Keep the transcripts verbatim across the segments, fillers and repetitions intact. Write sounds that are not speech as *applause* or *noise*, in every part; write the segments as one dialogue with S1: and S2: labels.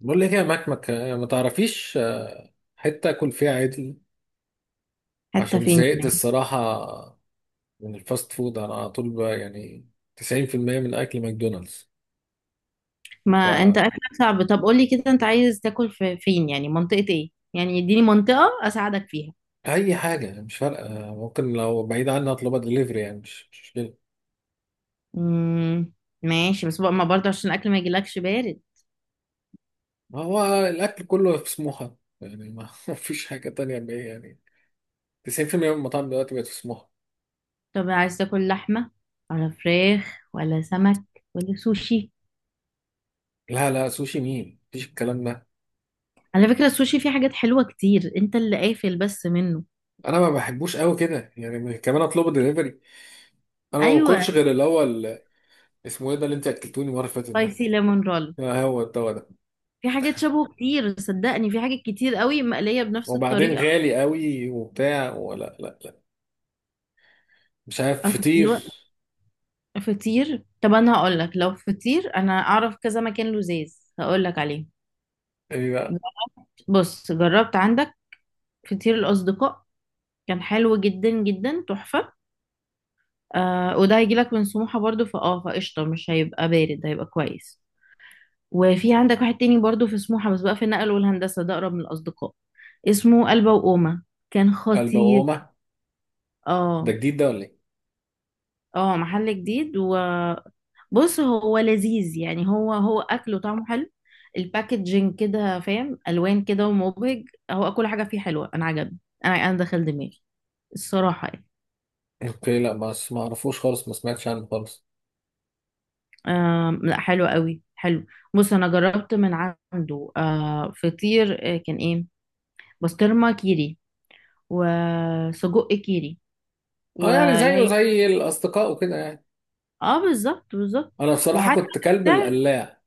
S1: بقول لك إيه يا مكمك، آه، ما تعرفيش. آه، حتة اكل فيها عدل
S2: حتى
S1: عشان
S2: فين
S1: زهقت
S2: يعني؟
S1: الصراحة من الفاست فود، انا على طول بقى يعني تسعين في المية من اكل ماكدونالدز.
S2: ما انت
S1: فأي
S2: اكلك صعب. طب قولي كده، انت عايز تاكل في فين يعني؟ منطقة ايه يعني؟ اديني منطقة اساعدك فيها.
S1: حاجة مش فارقة، آه، ممكن لو بعيد عنها اطلبها دليفري، يعني مش مش مشكلة.
S2: امم ماشي، بس بقى ما برضه عشان الاكل ما يجيلكش بارد.
S1: ما هو الاكل كله في سموحة، يعني ما *laughs* ما فيش حاجة تانية بقى يعني. تسعين بالمية من المطاعم دلوقتي بقت في سموحة.
S2: طب عايز تاكل لحمة ولا فراخ ولا سمك ولا سوشي؟
S1: لا لا، سوشي مين؟ مفيش الكلام ده.
S2: على فكرة، السوشي فيه حاجات حلوة كتير، انت اللي قافل بس منه.
S1: انا ما بحبوش قوي كده يعني، كمان اطلبه دليفري. انا ما
S2: ايوه،
S1: باكلش غير الاول. اسمه ايه ده اللي انت اكلتوني المره اللي فاتت ده؟
S2: سبايسي ليمون رول.
S1: آه، هو الدواء ده.
S2: في حاجات شبهه كتير، صدقني، في حاجات كتير قوي مقلية بنفس
S1: وبعدين
S2: الطريقة.
S1: غالي قوي وبتاع، ولا لا لا. مش عارف،
S2: اصل
S1: فطير.
S2: دلوقتي فطير، طب انا هقول لك، لو فطير انا اعرف كذا مكان لذيذ هقول لك عليه.
S1: ايه بقى؟
S2: بص، جربت عندك فطير الاصدقاء، كان حلو جدا جدا، تحفه. آه، وده هيجي لك من سموحه برضو فاه فقشطه، مش هيبقى بارد، هيبقى كويس. وفي عندك واحد تاني برضو في سموحه، بس بقى في النقل والهندسه، ده اقرب من الاصدقاء، اسمه قلبه وقومه، كان خطير.
S1: البقومه ده
S2: اه.
S1: جديد ده ولا ايه؟
S2: اه، محل جديد، وبص، هو لذيذ يعني، هو هو اكله طعمه حلو. الباكجينج كده، فاهم، الوان كده ومبهج، هو كل حاجه فيه حلوه، انا عجبني. انا انا دخل دماغي الصراحه يعني.
S1: اوكي، لا، ما ما اعرفوش خالص، ما سمعتش عنه خالص.
S2: آم، لا، حلو قوي، حلو. بص، انا جربت من عنده آه فطير، آه، كان ايه، بسطرمه كيري، وسجق كيري،
S1: اه، يعني
S2: واللي
S1: زيه
S2: هي.
S1: زي الاصدقاء وكده يعني.
S2: اه، بالظبط بالظبط.
S1: انا بصراحه
S2: وحتى
S1: كنت كلب
S2: السعر.
S1: القلاع.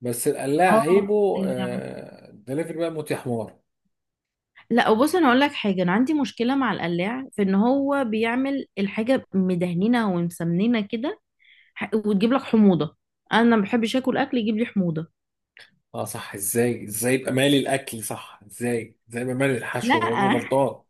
S1: بس القلاع عيبه،
S2: اه
S1: آه دليفري بقى موت يا حمار.
S2: لا، بص، انا اقول لك حاجه، انا عندي مشكله مع القلاع في ان هو بيعمل الحاجه مدهنينه ومسمنينه كده، ح- وتجيب لك حموضه، انا ما بحبش اكل اكل يجيب لي حموضه.
S1: اه صح، ازاي ازاي يبقى مالي الاكل، صح ازاي ازاي يبقى مالي الحشو؟
S2: لا،
S1: الراجل
S2: *laughs*
S1: غلطان.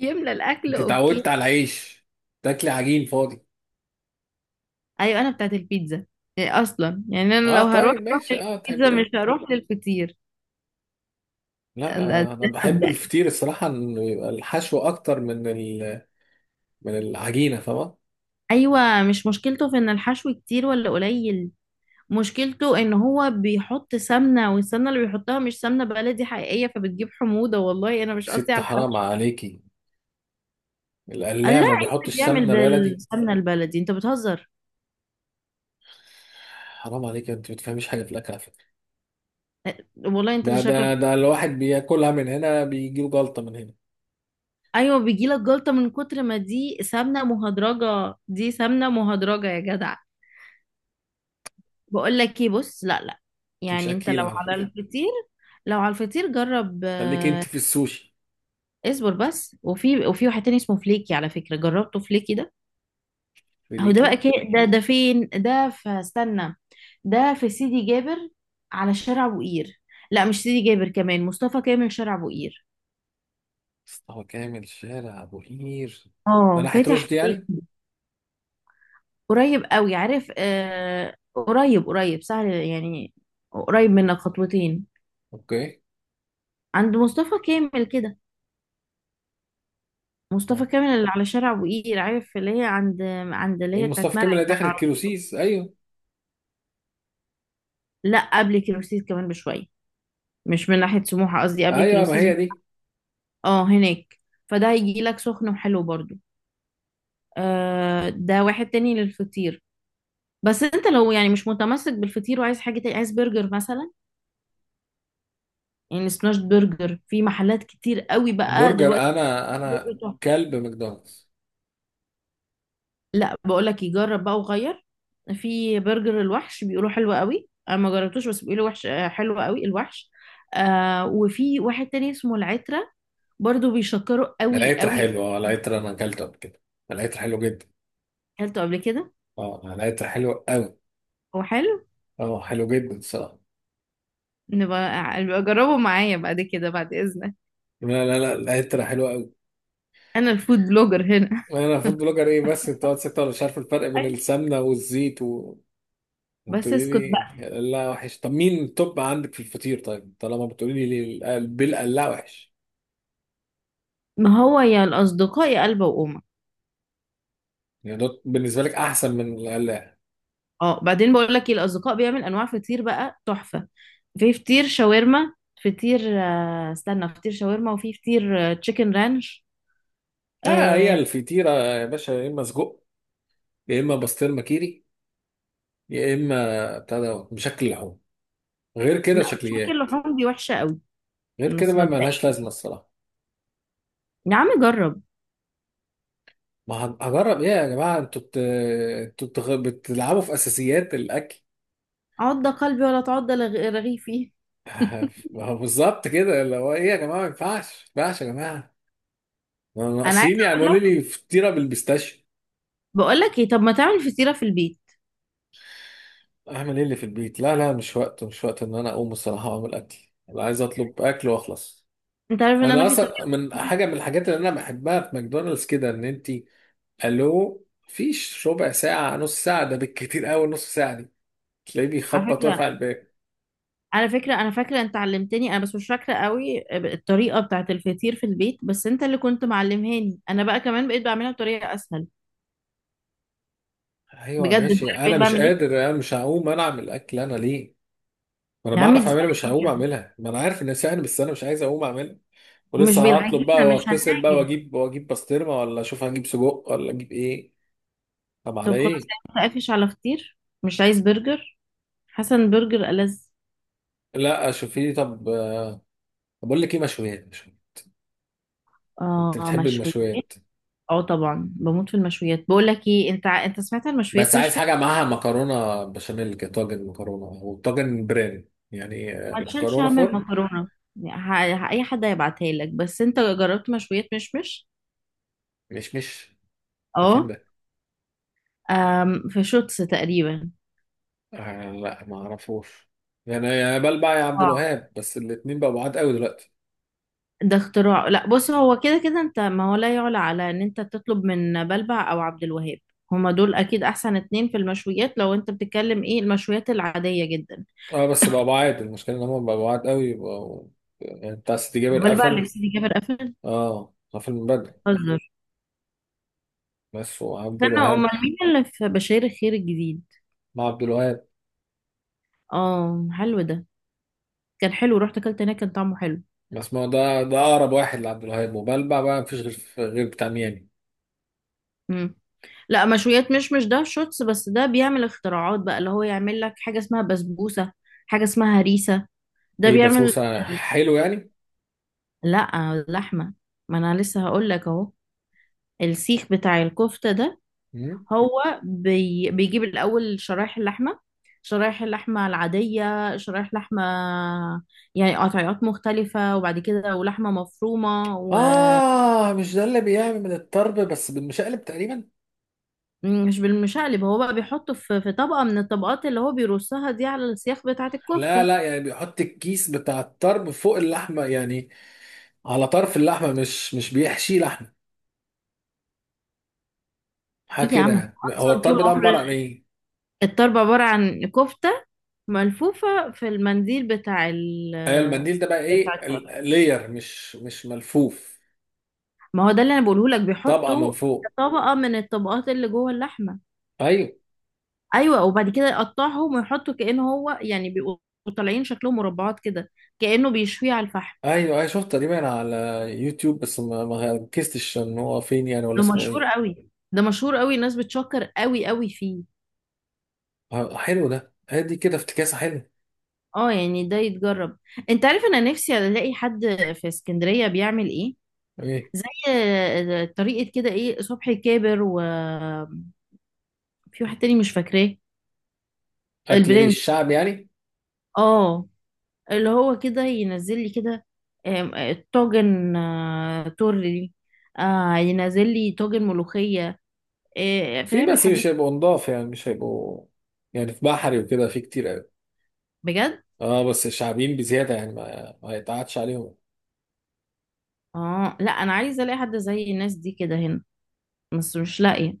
S2: يملى الاكل،
S1: انت
S2: اوكي.
S1: اتعودت على العيش، تاكلي عجين فاضي.
S2: ايوه، انا بتاعت البيتزا. إيه اصلا يعني، انا
S1: اه،
S2: لو هروح
S1: طيب
S2: اروح
S1: ماشي. اه، تحب
S2: للبيتزا، مش
S1: ال...
S2: هروح للفطير.
S1: لا،
S2: أنا- ده
S1: آه انا بحب
S2: مبدأ.
S1: الفطير الصراحه، انه يبقى الحشو اكتر من ال... من العجينه، فاهمه؟
S2: ايوه، مش مشكلته في ان الحشو كتير ولا قليل، مشكلته ان هو بيحط سمنه، والسمنه اللي بيحطها مش سمنه بلدي حقيقيه، فبتجيب حموضه، والله انا مش قصدي
S1: ست،
S2: على
S1: حرام
S2: الحشو.
S1: عليكي،
S2: لا،
S1: القلاع ما
S2: عيسى
S1: بيحطش
S2: بيعمل
S1: سمنه بلدي؟
S2: بالسمنة البلدي، انت بتهزر.
S1: حرام عليك، انت ما بتفهميش حاجه في الاكل على فكره.
S2: والله انت اللي
S1: ده ده
S2: شكلك.
S1: ده الواحد بياكلها من هنا بيجيله جلطه من هنا.
S2: ايوه، بيجيلك جلطة من كتر ما دي سمنة مهدرجة، دي سمنة مهدرجة يا جدع. بقول لك ايه، بص، لا لا.
S1: انت مش
S2: يعني انت
S1: اكيله
S2: لو
S1: على
S2: على
S1: فكره.
S2: الفطير، لو على الفطير جرب
S1: خليكي انت
S2: آه،
S1: في السوشي،
S2: اصبر بس، وفي وفي واحد تاني اسمه فليكي، على فكرة جربته فليكي ده، هو ده
S1: خليكي.
S2: بقى كي ده ده فين ده، فاستنى. ده في سيدي جابر، على شارع بوقير. لا، مش سيدي جابر، كمان مصطفى كامل، شارع بوقير.
S1: مصطفى كامل شارع ابو قير، ده
S2: اه،
S1: ناحيه
S2: فاتح في
S1: رشدي يعني.
S2: بيتي. قريب قوي، عارف، آه قريب قريب، سهل يعني، قريب منك خطوتين.
S1: اوكي.
S2: عند مصطفى كامل كده، مصطفى
S1: آه.
S2: كامل اللي على شارع ابو قير، عارف اللي هي عند، عند اللي
S1: ايه
S2: هي بتاعت
S1: مصطفى كامل
S2: مرعي
S1: اللي
S2: بتاع
S1: دخلت كيلو
S2: العربية.
S1: سيس، ايوه
S2: لا، قبل كيروسيس كمان بشويه، مش من ناحيه سموحه، قصدي قبل
S1: ايوه، ما
S2: كيروسيس.
S1: هي دي.
S2: اه، هناك. فده هيجي لك سخن وحلو برضو. آه، ده واحد تاني للفطير. بس انت لو يعني مش متمسك بالفطير، وعايز حاجه تاني، عايز برجر مثلا، يعني سماش برجر في محلات كتير قوي بقى
S1: برجر،
S2: دلوقتي.
S1: انا
S2: برجر
S1: انا
S2: تحفة.
S1: كلب ماكدونالدز.
S2: لا، بقول لك يجرب بقى وغير، في برجر الوحش، بيقولوا حلو قوي، انا ما جربتوش، بس بيقولوا وحش آه، حلو قوي الوحش. آه، وفي واحد تاني اسمه العترة، برضو بيشكروا قوي
S1: العطر
S2: قوي.
S1: حلو، اه العطر انا اكلته قبل كده، العطر حلو جدا.
S2: اكلته قبل كده.
S1: اه العطر حلو قوي.
S2: هو حلو.
S1: اه حلو جدا الصراحه.
S2: نبقى نبقى جربه معايا بعد كده، بعد اذنك،
S1: لا لا لا، العطر حلو قوي.
S2: انا الفود بلوجر هنا.
S1: انا فود بلوجر ايه، بس انت قاعد ستة ولا، مش عارف الفرق بين
S2: أيوة.
S1: السمنه والزيت و...
S2: بس
S1: وتقولي
S2: اسكت
S1: لي؟
S2: بقى.
S1: لا وحش. طب مين التوب عندك في الفطير، طيب، طالما بتقولي لي بالقلاع وحش؟
S2: ما هو يا الاصدقاء يا قلبه وامك.
S1: يعني ده بالنسبه لك احسن من القلاع؟
S2: اه، بعدين بقول لك ايه، الاصدقاء بيعمل انواع فطير بقى تحفه، في فطير شاورما، فطير آه، استنى، فطير شاورما، وفي فطير تشيكن رانش.
S1: لا، هي
S2: آه.
S1: الفطيره يا باشا يا اما سجق، يا اما بسطرمه كيري، يا اما بتاع ده بشكل لحوم. غير كده
S2: لا، مش فاكر،
S1: شكليات.
S2: اللحوم دي وحشه قوي.
S1: غير كده
S2: بس
S1: بقى، ملهاش لازمه
S2: مبدئيا
S1: الصراحه.
S2: يا عم جرب.
S1: ما هن- هجرب ايه يا جماعه؟ انتوا بت... انتوا بتغ... بتلعبوا في اساسيات الاكل.
S2: عض قلبي ولا تعض لغ- رغيفي. *laughs*
S1: *laughs* ما هو بالظبط كده، اللي هو ايه يا جماعه، ما ينفعش ما ينفعش يا جماعه. ما
S2: انا
S1: ناقصين
S2: عايزه
S1: يعملوا
S2: اقول لك،
S1: لي فطيره بالبيستاشيو.
S2: بقول لك ايه، طب ما تعمل فطيره في البيت.
S1: اعمل ايه اللي في البيت؟ لا لا، مش وقت، مش وقت ان انا اقوم الصراحه واعمل اكل. انا عايز اطلب اكل واخلص.
S2: انت عارف ان انا
S1: انا
S2: في
S1: اصلا
S2: طريقه.
S1: من حاجه من الحاجات اللي انا بحبها في ماكدونالدز كده، ان انت قال له فيش ربع ساعة، نص ساعة، ده بالكتير قوي نص ساعة دي، تلاقيه
S2: على
S1: بيخبط واقف
S2: فكره
S1: على الباب.
S2: على فكرة أنا فاكرة أنت علمتني أنا، بس مش فاكرة قوي الطريقة بتاعة الفطير في البيت، بس أنت اللي كنت معلمهاني، أنا بقى كمان بقيت بعملها بطريقة أسهل.
S1: ايوه
S2: بجد أنت
S1: ماشي.
S2: عارف بقيت
S1: انا مش
S2: بعمل إيه؟
S1: قادر، انا مش هقوم انا اعمل اكل، انا ليه؟ ما انا
S2: ده عمي، دي
S1: بعرف
S2: سهلة
S1: اعملها، مش هقوم
S2: جدا.
S1: اعملها، ما انا عارف انها سهل، بس انا مش عايز اقوم اعملها.
S2: مش
S1: ولسه هطلب بقى
S2: بالعجينة، مش
S1: واتصل بقى
S2: هتعجن.
S1: واجيب واجيب بسطرمه، ولا اشوف هجيب سجق ولا اجيب ايه. طب على
S2: طب خلاص،
S1: ايه؟
S2: أنت قافش على فطير، مش عايز برجر، حسن برجر ألذ.
S1: لا شوفي طب. آه، بقول لك ايه، مشويات مشويات. انت
S2: آه،
S1: بتحب
S2: مشويات.
S1: المشويات؟
S2: اه طبعا، بموت في المشويات. بقول لك ايه، انت ع- انت سمعت عن
S1: بس
S2: المشويات
S1: عايز
S2: مش مش.
S1: حاجة معاها مكرونة بشاميل كده، طاجن مكرونة أو طاجن برين، يعني آه،
S2: ما تشيلش
S1: مكرونة
S2: هم
S1: فرن.
S2: المكرونه، يعني ه- ه- اي حد هيبعتها لك، بس انت جربت مشويات مشمش.
S1: مش مش ده فين
S2: اه.
S1: ده؟
S2: آم، في شوتس تقريبا.
S1: آه، لا ما أعرفوش. يعني يا بلبع يا عبد
S2: اه،
S1: الوهاب، بس الاتنين بقوا بعاد قوي دلوقتي.
S2: ده اختراع. لا بص، هو كده كده انت، ما هو لا يعلى على ان انت تطلب من بلبع او عبد الوهاب، هما دول اكيد احسن اتنين في المشويات، لو انت بتتكلم ايه، المشويات العادية جدا.
S1: اه بس بقوا بعاد، المشكلة إن هما بقوا بعاد قوي بقوا. يعني بتاع ستي جابر
S2: بلبع اللي
S1: قفل.
S2: في سيدي جابر قفل؟
S1: اه قفل من بدري.
S2: بتهزر.
S1: بس وعبد
S2: استنى،
S1: الوهاب،
S2: امال مين اللي في بشير الخير الجديد؟
S1: مع عبد الوهاب.
S2: اه، حلو ده، كان حلو، رحت اكلت هناك، كان طعمه حلو.
S1: بس ما هو ده ده أقرب واحد لعبد الوهاب وبلبع بقى، مفيش غير غير بتاع ميامي.
S2: امم لا، مشويات مش مش ده شوتس، بس ده بيعمل اختراعات بقى، اللي هو يعمل لك حاجة اسمها بسبوسة، حاجة اسمها هريسة، ده
S1: إيه
S2: بيعمل.
S1: بسبوسة، حلو يعني؟
S2: لا، اللحمة، ما انا لسه هقول لك اهو، السيخ بتاع الكفتة ده،
S1: مم.
S2: هو بي... بيجيب الاول شرايح اللحمة، شرايح اللحمة العادية، شرايح لحمة يعني قطعيات مختلفة، وبعد كده ولحمة مفرومة.
S1: آه، مش ده اللي بيعمل من الطرب، بس بالمشقلب تقريبا؟
S2: ومش بالمشقلب، هو بقى بيحطه في... في طبقة من الطبقات اللي هو بيرصها دي على السياخ بتاعة
S1: لا
S2: الكفتة.
S1: لا، يعني بيحط الكيس بتاع الطرب فوق اللحمة، يعني على طرف اللحمة، مش مش بيحشي لحمة حاجة
S2: ايه يا
S1: كده
S2: عم،
S1: يعني. هو
S2: اصلا
S1: الطرب
S2: طول
S1: ده
S2: عمر
S1: عبارة عن إيه؟
S2: الطرب عبارة عن كفتة ملفوفة في المنديل بتاع ال...
S1: أيوة، المنديل ده بقى
S2: بتاع
S1: إيه؟
S2: الطرب.
S1: لير، مش مش ملفوف.
S2: ما هو ده اللي انا بقوله لك،
S1: طبقة من
S2: بيحطوا
S1: فوق.
S2: طبقه من الطبقات اللي جوه اللحمه.
S1: أيوة
S2: ايوه، وبعد كده يقطعهم ويحطوا، كأنه هو يعني بيبقوا طالعين شكلهم مربعات كده، كأنه بيشويه على الفحم.
S1: أيوة أيوة، شفت تقريبا على يوتيوب، بس ما ما ركزتش إن هو فين يعني، ولا
S2: ده
S1: اسمه
S2: مشهور
S1: إيه.
S2: قوي، ده مشهور قوي، الناس بتشكر قوي قوي فيه.
S1: آه، حلو ده، هدي كده افتكاسة حلوة.
S2: اه يعني، ده يتجرب. انت عارف انا نفسي الاقي حد في اسكندريه بيعمل ايه
S1: إيه
S2: زي طريقه كده، ايه، صبحي كابر، وفي واحد تاني مش فاكراه،
S1: أكل إيه
S2: البرنس.
S1: الشعب يعني.
S2: اه، اللي هو كده ينزل لي كده، آم، آه، طاجن، آه، تورلي، آه، ينزل لي طاجن ملوخية، آه، آه،
S1: في،
S2: فاهم
S1: بس
S2: الحاجات.
S1: مش هيبقوا نضاف يعني، مش هيبقوا يعني، في بحري وكده في كتير قوي.
S2: بجد.
S1: اه بس شعبيين بزياده يعني، ما, ما يتقعدش عليهم.
S2: اه لا، انا عايزة الاقي حد زي الناس دي كده هنا، بس مش لاقية.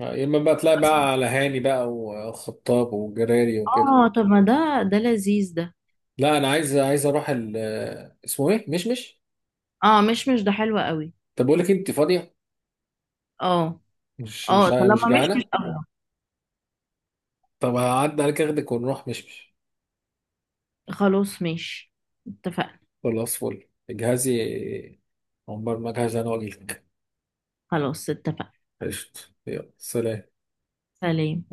S1: آه، يا اما بقى تلاقي بقى على هاني بقى وخطاب وجراري وكده.
S2: اه، طب ما ده ده لذيذ ده.
S1: لا، انا عايز عايز اروح ال آه، اسمه ايه؟ مشمش.
S2: اه، مش مش ده حلو قوي.
S1: طب بقول لك إيه، انت فاضيه؟
S2: اه
S1: مش
S2: اه،
S1: مش مش
S2: طالما مش مش
S1: جعانه؟
S2: قوي.
S1: طب هعدي عليك اخدك ونروح مشمش.
S2: خلاص ماشي، اتفقنا.
S1: خلاص فل، اجهزي. عمر ما اجهز انا واجيلك.
S2: خلاص اتفقنا.
S1: قشطة، يلا سلام.
S2: سلام.